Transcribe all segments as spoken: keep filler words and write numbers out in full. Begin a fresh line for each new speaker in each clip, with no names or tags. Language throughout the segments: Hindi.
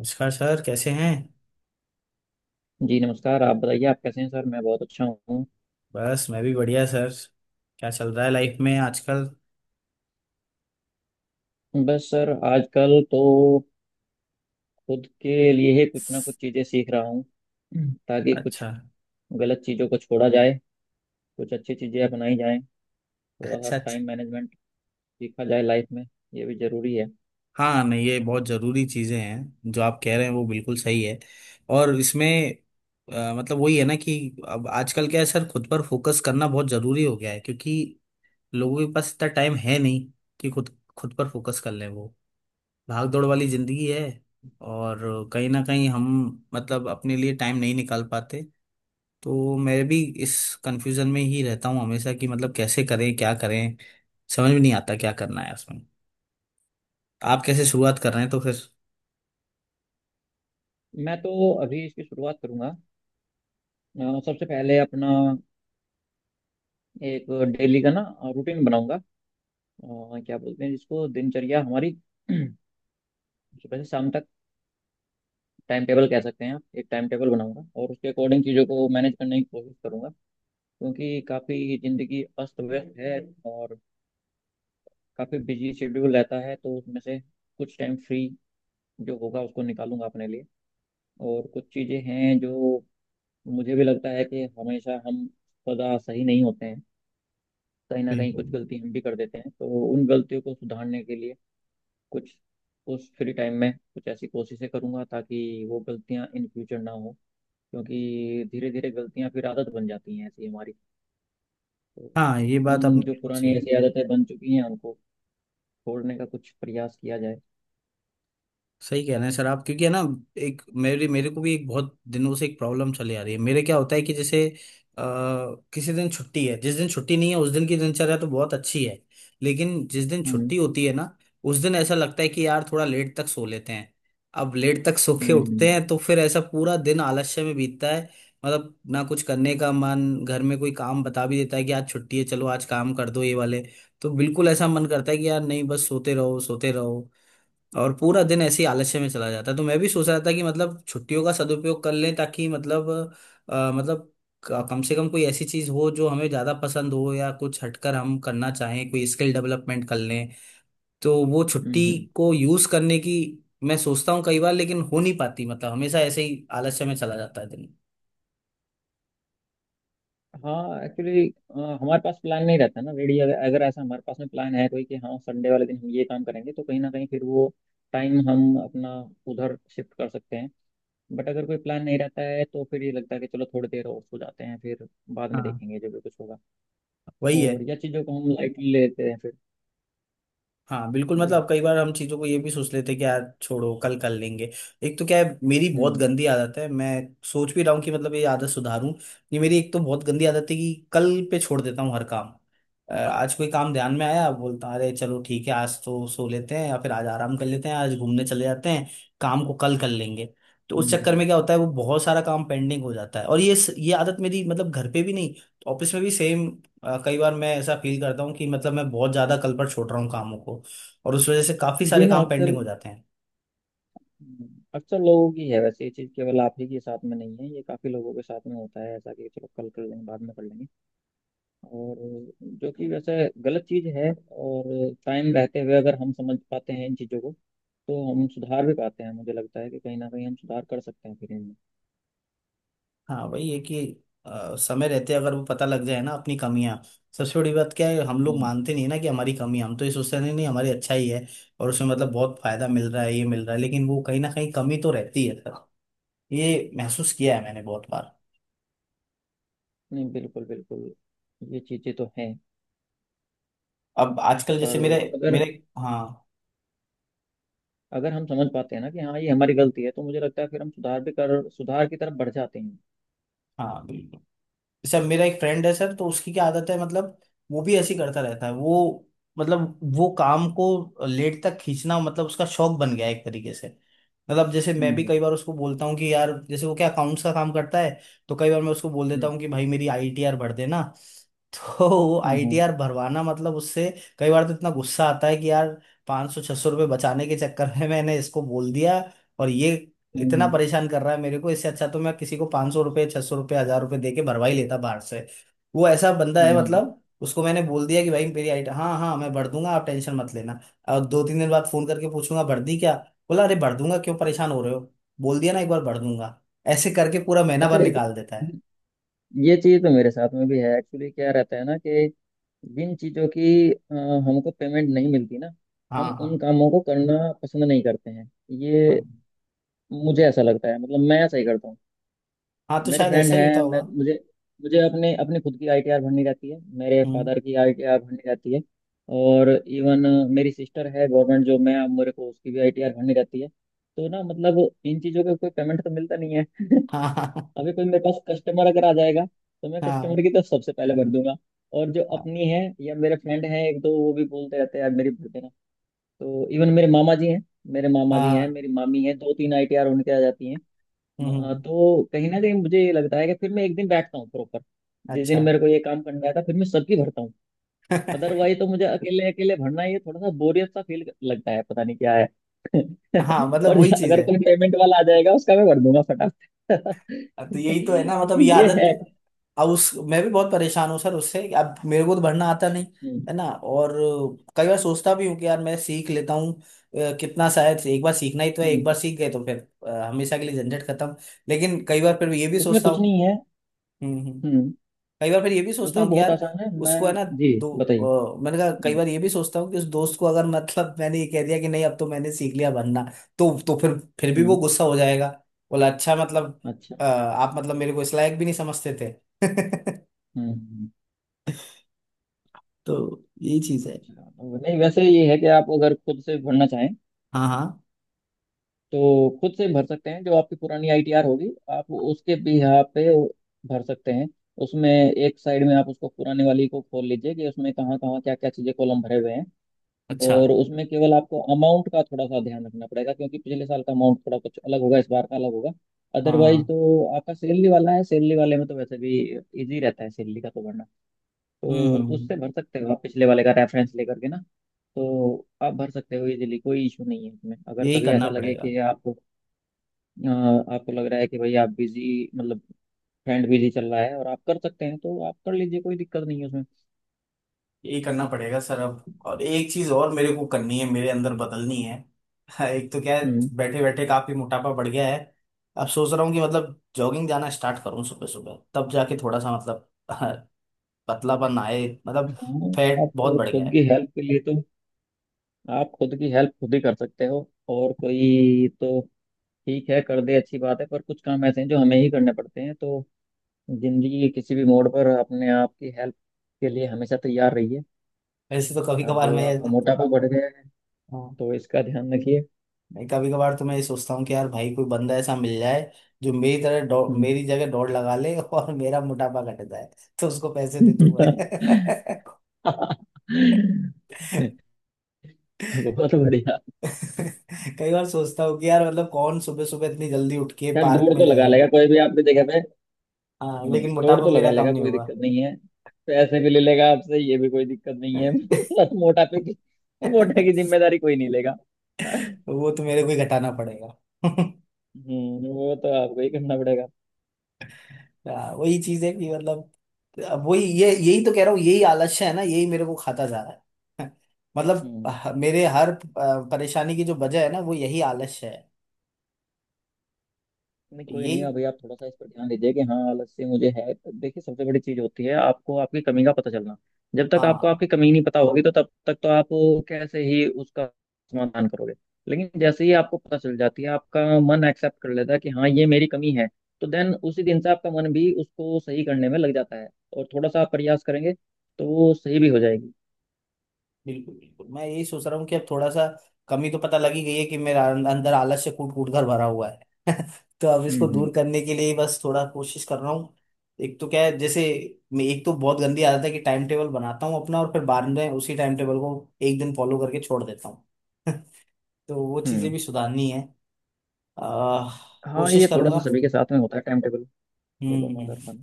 नमस्कार सर, कैसे हैं।
जी नमस्कार। आप बताइए आप कैसे हैं सर? मैं बहुत अच्छा हूँ।
बस, मैं भी बढ़िया सर। क्या चल रहा है लाइफ में आजकल?
बस सर आजकल तो खुद के लिए ही कुछ ना कुछ चीज़ें सीख रहा हूँ, ताकि कुछ
अच्छा,
गलत चीज़ों को छोड़ा जाए, कुछ अच्छी चीज़ें अपनाई जाएं। थोड़ा सा
अच्छा, अच्छा।
टाइम मैनेजमेंट सीखा जाए लाइफ में। ये भी ज़रूरी है।
हाँ, नहीं, ये बहुत ज़रूरी चीज़ें हैं जो आप कह रहे हैं, वो बिल्कुल सही है। और इसमें अ, मतलब वही है ना कि अब आजकल क्या है सर, खुद पर फोकस करना बहुत ज़रूरी हो गया है, क्योंकि लोगों के पास इतना टाइम है नहीं कि खुद खुद पर फोकस कर लें। वो भाग दौड़ वाली ज़िंदगी है, और कहीं ना कहीं हम, मतलब अपने लिए टाइम नहीं निकाल पाते। तो मैं भी इस कंफ्यूजन में ही रहता हूँ हमेशा कि मतलब कैसे करें, क्या करें। समझ में नहीं आता क्या करना है उसमें। आप कैसे शुरुआत कर रहे हैं तो फिर?
मैं तो अभी इसकी शुरुआत करूँगा। अ, सबसे पहले अपना एक डेली का ना रूटीन बनाऊंगा। अ, क्या बोलते हैं जिसको, दिनचर्या हमारी सुबह से शाम तक। टाइम टेबल कह सकते हैं आप। एक टाइम टेबल बनाऊंगा और उसके अकॉर्डिंग चीज़ों को मैनेज करने की कोशिश करूंगा। क्योंकि काफ़ी ज़िंदगी अस्त व्यस्त है और काफ़ी बिजी शेड्यूल रहता है, तो उसमें से कुछ टाइम फ्री जो होगा उसको निकालूंगा अपने लिए। और कुछ चीज़ें हैं जो मुझे भी लगता है कि हमेशा हम सदा सही नहीं होते हैं। कहीं ना कहीं
बिल्कुल।
कुछ गलती हम भी कर देते हैं, तो उन गलतियों को सुधारने के लिए कुछ, उस फ्री टाइम में कुछ ऐसी कोशिशें करूंगा ताकि वो गलतियां इन फ्यूचर ना हो। क्योंकि धीरे धीरे गलतियां फिर आदत बन जाती हैं ऐसी हमारी। तो
हाँ, ये बात
उन
आपने
जो
बिल्कुल
पुरानी
सही।
ऐसी आदतें बन चुकी हैं उनको छोड़ने का कुछ प्रयास किया जाए।
सही कह रहे हैं सर आप, क्योंकि है ना, एक मेरे मेरे को भी एक बहुत दिनों से एक प्रॉब्लम चली आ रही है। मेरे क्या होता है कि जैसे आ, किसी दिन छुट्टी है, जिस दिन छुट्टी नहीं है उस दिन की दिनचर्या तो बहुत अच्छी है। लेकिन जिस दिन
हम्म।
छुट्टी होती है ना, उस दिन ऐसा लगता है कि यार, थोड़ा लेट तक सो लेते हैं। अब लेट तक सो के उठते
हम्म।
हैं तो फिर ऐसा पूरा दिन आलस्य में बीतता है। मतलब ना कुछ करने का मन, घर में कोई काम बता भी देता है कि आज छुट्टी है, चलो आज काम कर दो ये वाले, तो बिल्कुल ऐसा मन करता है कि यार नहीं, बस सोते रहो, सोते रहो। और पूरा दिन ऐसे ही आलस्य में चला जाता है। तो मैं भी सोच रहा था कि मतलब छुट्टियों का सदुपयोग कर लें ताकि मतलब अ, मतलब क- कम से कम कोई ऐसी चीज हो जो हमें ज्यादा पसंद हो या कुछ हटकर हम करना चाहें, कोई स्किल डेवलपमेंट कर लें। तो वो
हम्म।
छुट्टी
हम्म।
को यूज करने की मैं सोचता हूँ कई बार, लेकिन हो नहीं पाती। मतलब हमेशा ऐसे ही आलस्य में चला जाता है दिन।
हाँ, एक्चुअली हमारे पास प्लान नहीं रहता ना रेडी। अगर, अगर ऐसा हमारे पास में प्लान है कोई कि हाँ संडे वाले दिन हम ये काम करेंगे, तो कहीं ना कहीं फिर वो टाइम हम अपना उधर शिफ्ट कर सकते हैं। बट अगर कोई प्लान नहीं रहता है तो फिर ये लगता है कि चलो थोड़ी देर और सो जाते हैं, फिर बाद में
हाँ,
देखेंगे जो भी कुछ होगा।
वही है।
और या चीज़ों को हम लाइटली लेते हैं फिर।
हाँ, बिल्कुल।
ये
मतलब
है।
कई बार हम चीज़ों को ये भी सोच लेते हैं कि यार छोड़ो, कल कर लेंगे। एक तो क्या है, मेरी बहुत
हम्म।
गंदी आदत है, मैं सोच भी रहा हूँ कि मतलब ये आदत सुधारूं। ये मेरी एक तो बहुत गंदी आदत है कि कल पे छोड़ देता हूँ हर काम। अ, आज कोई काम ध्यान में आया, बोलता अरे चलो ठीक है, आज तो सो लेते हैं या फिर आज आराम कर लेते हैं, आज घूमने चले जाते हैं, काम को कल कर लेंगे। तो उस चक्कर
हम्म।
में क्या होता है, वो बहुत सारा काम पेंडिंग हो जाता है। और ये ये आदत मेरी, मतलब घर पे भी नहीं, ऑफिस में भी सेम। कई बार मैं ऐसा फील करता हूँ कि मतलब मैं बहुत ज्यादा कल पर छोड़ रहा हूँ कामों को, और उस वजह से काफी
ये
सारे
ना
काम
अक्सर
पेंडिंग हो जाते हैं।
अक्सर लोगों की है वैसे। ये चीज़ केवल आप ही के साथ में नहीं है, ये काफ़ी लोगों के साथ में होता है ऐसा कि चलो कल कर लेंगे, बाद में कर लेंगे। और जो कि वैसे गलत चीज़ है। और टाइम रहते हुए अगर हम समझ पाते हैं इन चीज़ों को, तो हम सुधार भी पाते हैं। मुझे लगता है कि कहीं ना कहीं हम सुधार कर सकते हैं फिर इनमें।
हाँ, वही है कि अ, समय रहते अगर वो पता लग जाए ना अपनी कमियां। सबसे बड़ी बात क्या है, हम लोग
हम्म।
मानते नहीं ना कि हमारी कमी है। हम तो ये सोचते हैं, नहीं नहीं, हमारी अच्छा ही है और उसमें मतलब बहुत फायदा मिल रहा है, ये मिल रहा है, लेकिन वो कहीं ना कहीं कमी तो रहती है सर। ये महसूस किया है मैंने बहुत बार।
नहीं बिल्कुल, बिल्कुल ये चीज़ें तो हैं।
अब आजकल जैसे
पर
मेरे
अगर
मेरे हाँ,
अगर हम समझ पाते हैं ना कि हाँ ये हमारी गलती है, तो मुझे लगता है फिर हम सुधार भी कर सुधार की तरफ बढ़ जाते हैं।
हाँ, बिल्कुल। सर, मेरा एक फ्रेंड है सर, तो उसकी क्या आदत है, मतलब वो भी ऐसी करता रहता है। वो, मतलब वो काम को लेट तक खींचना, मतलब उसका शौक बन गया है एक तरीके से। मतलब जैसे मैं भी
हम्म।
कई बार उसको बोलता हूँ कि यार, जैसे वो क्या अकाउंट्स का काम करता है, तो कई बार मैं उसको बोल देता
हम्म।
हूँ कि भाई, मेरी आईटीआर भर देना। तो वो
हम्म। हम्म।
आईटीआर भरवाना, मतलब उससे कई बार तो इतना गुस्सा आता है कि यार, 500 सौ छह सौ रुपये बचाने के चक्कर में मैंने इसको बोल दिया, और ये
हम्म।
इतना
हम्म।
परेशान कर रहा है मेरे को। इससे अच्छा तो मैं किसी को पाँच सौ रुपये, छह सौ रुपये, हजार रुपये दे के भरवा ही लेता बाहर से। वो ऐसा बंदा
हम्म।
है,
हम्म।
मतलब उसको मैंने बोल दिया कि भाई मेरी आइट, हाँ हाँ मैं भर दूंगा, आप टेंशन मत लेना। और दो तीन दिन बाद फोन करके पूछूंगा, भर दी क्या? बोला, अरे भर दूंगा, क्यों परेशान हो रहे हो, बोल दिया ना एक बार भर दूंगा। ऐसे करके पूरा महीना
अच्छा,
भर निकाल देता है।
ये चीज तो मेरे साथ में भी है एक्चुअली। क्या रहता है ना कि जिन चीजों की अ, हमको पेमेंट नहीं मिलती ना,
हाँ,
हम उन
हाँ।
कामों को करना पसंद नहीं करते हैं। ये,
हाँ,
मुझे ऐसा लगता है, मतलब मैं ऐसा ही करता हूँ।
हाँ, तो
मेरे
शायद
फ्रेंड
ऐसा ही होता
हैं। मैं
होगा।
मुझे मुझे अपने अपने खुद की आईटीआर भरनी रहती है, मेरे
हम्म।
फादर की आईटीआर भरनी रहती है। और इवन मेरी सिस्टर है गवर्नमेंट जॉब में, अब मेरे को उसकी भी आईटीआर भरनी रहती है। तो ना मतलब इन चीज़ों का कोई पेमेंट तो मिलता नहीं है।
हाँ, हाँ।
अभी कोई मेरे पास कस्टमर अगर आ जाएगा तो मैं
हाँ,
कस्टमर की तरफ सबसे पहले भर दूंगा। और जो
हाँ।
अपनी है, या मेरे फ्रेंड है एक दो, वो भी बोलते रहते हैं यार मेरी भर देना। तो इवन मेरे मामा जी हैं मेरे मामा जी हैं,
हाँ,
मेरी मामी है, दो तीन आईटीआर उनके आ जाती हैं। म-
हम्म।
तो कहीं ना कहीं मुझे ये लगता है कि फिर मैं एक दिन बैठता हूँ प्रॉपर, जिस दिन
अच्छा।
मेरे को ये काम करना है था, फिर मैं सबकी भरता हूँ। अदरवाइज तो मुझे अकेले अकेले भरना ये थोड़ा सा बोरियत सा फील लगता है, पता नहीं क्या है।
हाँ, मतलब
और
वही चीज
अगर
है।
कोई पेमेंट वाला आ जाएगा उसका मैं भर दूंगा फटाफट।
तो यही तो है ना मतलब, ये
ये
आदत।
है।
अब उस, मैं भी बहुत परेशान हूँ सर उससे। अब मेरे को तो भरना आता नहीं,
हम्म।
है ना, और कई बार सोचता भी हूँ कि यार मैं सीख लेता हूँ। अ, कितना, शायद से एक बार सीखना ही तो है, एक
हम्म।
बार सीख गए तो फिर अ, हमेशा के लिए झंझट खत्म। लेकिन कई बार फिर ये भी
उसमें
सोचता
कुछ
हूँ।
नहीं है।
हम्म, हम्म।
हम्म।
कई बार फिर ये भी सोचता
उसमें
हूँ कि
बहुत
यार,
आसान है। मैं
उसको है ना
जी
दो,
बताइए।
अ, मैंने कहा, कई
हम्म।
बार ये भी सोचता हूँ कि उस दोस्त को अगर, मतलब मैंने ये कह दिया कि नहीं, अब तो मैंने सीख लिया बनना, तो तो फिर फिर भी वो
हम्म।
गुस्सा हो जाएगा। बोला, अच्छा मतलब
अच्छा।
अ, आप मतलब मेरे को इस लायक भी नहीं समझते थे।
हम्म। हम्म।
तो यही चीज है।
अच्छा, नहीं वैसे ये है कि आप अगर खुद से भरना चाहें
हाँ, हाँ।
तो खुद से भर सकते हैं। जो आपकी पुरानी आईटीआर होगी आप उसके भी यहाँ पे भर सकते हैं। उसमें एक साइड में आप उसको पुराने वाली को खोल लीजिए कि उसमें कहाँ कहाँ क्या क्या चीज़ें कॉलम भरे हुए हैं।
अच्छा।
और उसमें केवल आपको अमाउंट का थोड़ा सा ध्यान रखना पड़ेगा, क्योंकि पिछले साल का अमाउंट थोड़ा कुछ अलग होगा, इस बार का अलग होगा।
हाँ,
अदरवाइज
हाँ।
तो आपका सैलरी वाला है, सैलरी वाले में तो वैसे भी इजी रहता है, सैलरी का तो भरना।
हम्म,
तो
हम्म।
उससे भर सकते हो आप पिछले वाले का रेफरेंस लेकर के ना। तो आप भर सकते हो इजीली, कोई इशू नहीं है इसमें। अगर
यही
कभी
करना
ऐसा लगे
पड़ेगा।
कि आप, अ, आपको लग रहा है कि भाई आप बिजी, मतलब फ्रेंड बिजी चल रहा है, और आप कर सकते हैं, तो आप कर लीजिए, कोई दिक्कत नहीं है उसमें।
यही करना पड़ेगा सर। अब और एक चीज और मेरे को करनी है, मेरे अंदर बदलनी है। एक तो क्या
हम्म।
है, बैठे बैठे काफी मोटापा बढ़ गया है। अब सोच रहा हूँ कि मतलब जॉगिंग जाना स्टार्ट करूँ सुबह सुबह, तब जाके थोड़ा सा मतलब पतलापन आए। मतलब
हाँ।
फैट
आप
बहुत बढ़ गया
खुद
है।
की हेल्प के लिए तो आप खुद की हेल्प खुद ही कर सकते हो। और कोई तो ठीक है कर दे, अच्छी बात है, पर कुछ काम ऐसे हैं जो हमें ही करने पड़ते हैं। तो जिंदगी के किसी भी मोड़ पर अपने आप की हेल्प के लिए हमेशा तैयार रहिए।
वैसे तो कभी
अब
कभार मैं,
आपका मोटापा बढ़ गया है,
हाँ,
तो इसका ध्यान रखिए।
मैं कभी कभार तो मैं ये सोचता हूँ कि यार भाई, कोई बंदा ऐसा मिल जाए जो मेरी तरह दौड़,
हम्म।
मेरी जगह दौड़ लगा ले और मेरा मोटापा घट जाए, तो उसको पैसे दे दूँ मैं।
बहुत बढ़िया।
कई बार सोचता हूँ कि यार मतलब कौन सुबह सुबह इतनी जल्दी उठ के
खैर
पार्क
दौड़
में
तो लगा
जाएगा।
लेगा कोई भी आपकी जगह पे।
हाँ,
हम्म,
लेकिन
दौड़
मोटापा
तो
मेरा
लगा
कम
लेगा
नहीं
कोई
होगा।
दिक्कत नहीं है। पैसे भी ले लेगा आपसे, ये भी कोई दिक्कत नहीं है। बस मोटापे की मोटे की जिम्मेदारी कोई नहीं लेगा।
वो तो मेरे को ही घटाना पड़ेगा।
हम्म। वो तो आपको ही करना पड़ेगा।
हाँ, वही चीज है कि मतलब, अब वही, ये यही तो कह रहा हूँ, यही आलस्य है ना, यही मेरे को खाता जा रहा है। मतलब
हम्म।
ह- मेरे हर अ, परेशानी की जो वजह है ना, वो यही आलस्य है।
नहीं कोई
यही
नहीं, अभी आप थोड़ा सा इस पर ध्यान दीजिए कि हाँ आलस से मुझे है, तो देखिए, सबसे बड़ी चीज होती है आपको आपकी कमी का पता चलना। जब तक आपको
हाँ,
आपकी कमी नहीं पता होगी तो तब तक तो आप कैसे ही उसका समाधान करोगे। लेकिन जैसे ही आपको पता चल जाती है, आपका मन एक्सेप्ट कर लेता है कि हाँ ये मेरी कमी है, तो देन उसी दिन से आपका मन भी उसको सही करने में लग जाता है। और थोड़ा सा आप प्रयास करेंगे तो वो सही भी हो जाएगी।
बिल्कुल बिल्कुल। मैं यही सोच रहा हूँ कि अब थोड़ा सा, कमी तो पता लगी गई है कि मेरा अं- अंदर आलस से कूट कूट कर भरा हुआ है। तो अब
हम्म।
इसको
हम्म।
दूर करने के लिए ही बस थोड़ा कोशिश कर रहा हूँ। एक तो क्या है जैसे, मैं एक तो बहुत गंदी आदत है कि टाइम टेबल बनाता हूँ अपना और फिर बाद में उसी टाइम टेबल को एक दिन फॉलो करके छोड़ देता हूँ। तो वो चीज़ें
हम्म।
भी सुधारनी है। आह,
हाँ
कोशिश
ये थोड़ा सा
करूंगा।
सभी के साथ में होता है टाइम टेबल। बोलो
हम्म,
ना कर।
हम्म।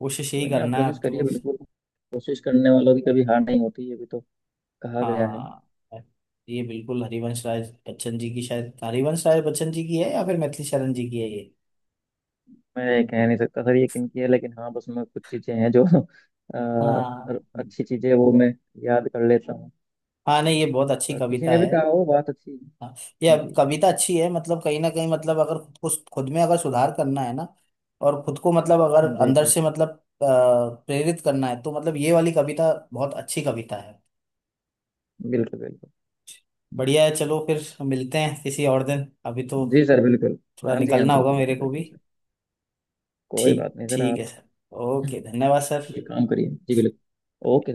कोशिश यही
कोई नहीं, आप
करना है
कोशिश
अब तो
करिए
बस।
बिल्कुल। कोशिश करने वालों की कभी हार नहीं होती, ये भी तो कहा गया है।
हाँ, ये बिल्कुल हरिवंश राय बच्चन जी की, शायद हरिवंश राय बच्चन जी की है या फिर मैथिली शरण जी की है ये।
मैं ये कह नहीं सकता सर ये किनकी है, लेकिन हाँ बस मैं कुछ चीज़ें हैं जो अ,
हाँ,
अच्छी चीज़ें वो मैं याद कर लेता हूँ।
हाँ, नहीं ये बहुत अच्छी
और किसी
कविता
ने भी
है।
कहा हो, बात अच्छी है।
हाँ, ये अब
जी।
कविता अच्छी है, मतलब कहीं ना कहीं मतलब, अगर खुद को, खुद में अगर सुधार करना है ना, और खुद को मतलब अगर
जी।
अंदर
जी
से मतलब अ, प्रेरित करना है, तो मतलब ये वाली कविता बहुत अच्छी कविता है।
बिल्कुल। बिल्कुल।
बढ़िया है, चलो फिर मिलते हैं किसी और दिन, अभी तो
जी सर बिल्कुल।
थोड़ा
हाँ जी। हाँ
निकलना
जी
होगा मेरे
बिल्कुल
को भी।
बिल्कुल सर। कोई
ठीक
बात नहीं सर
ठीक
आप।
है सर। ओके, धन्यवाद सर।
ये काम करिए जी बिल्कुल। ओके।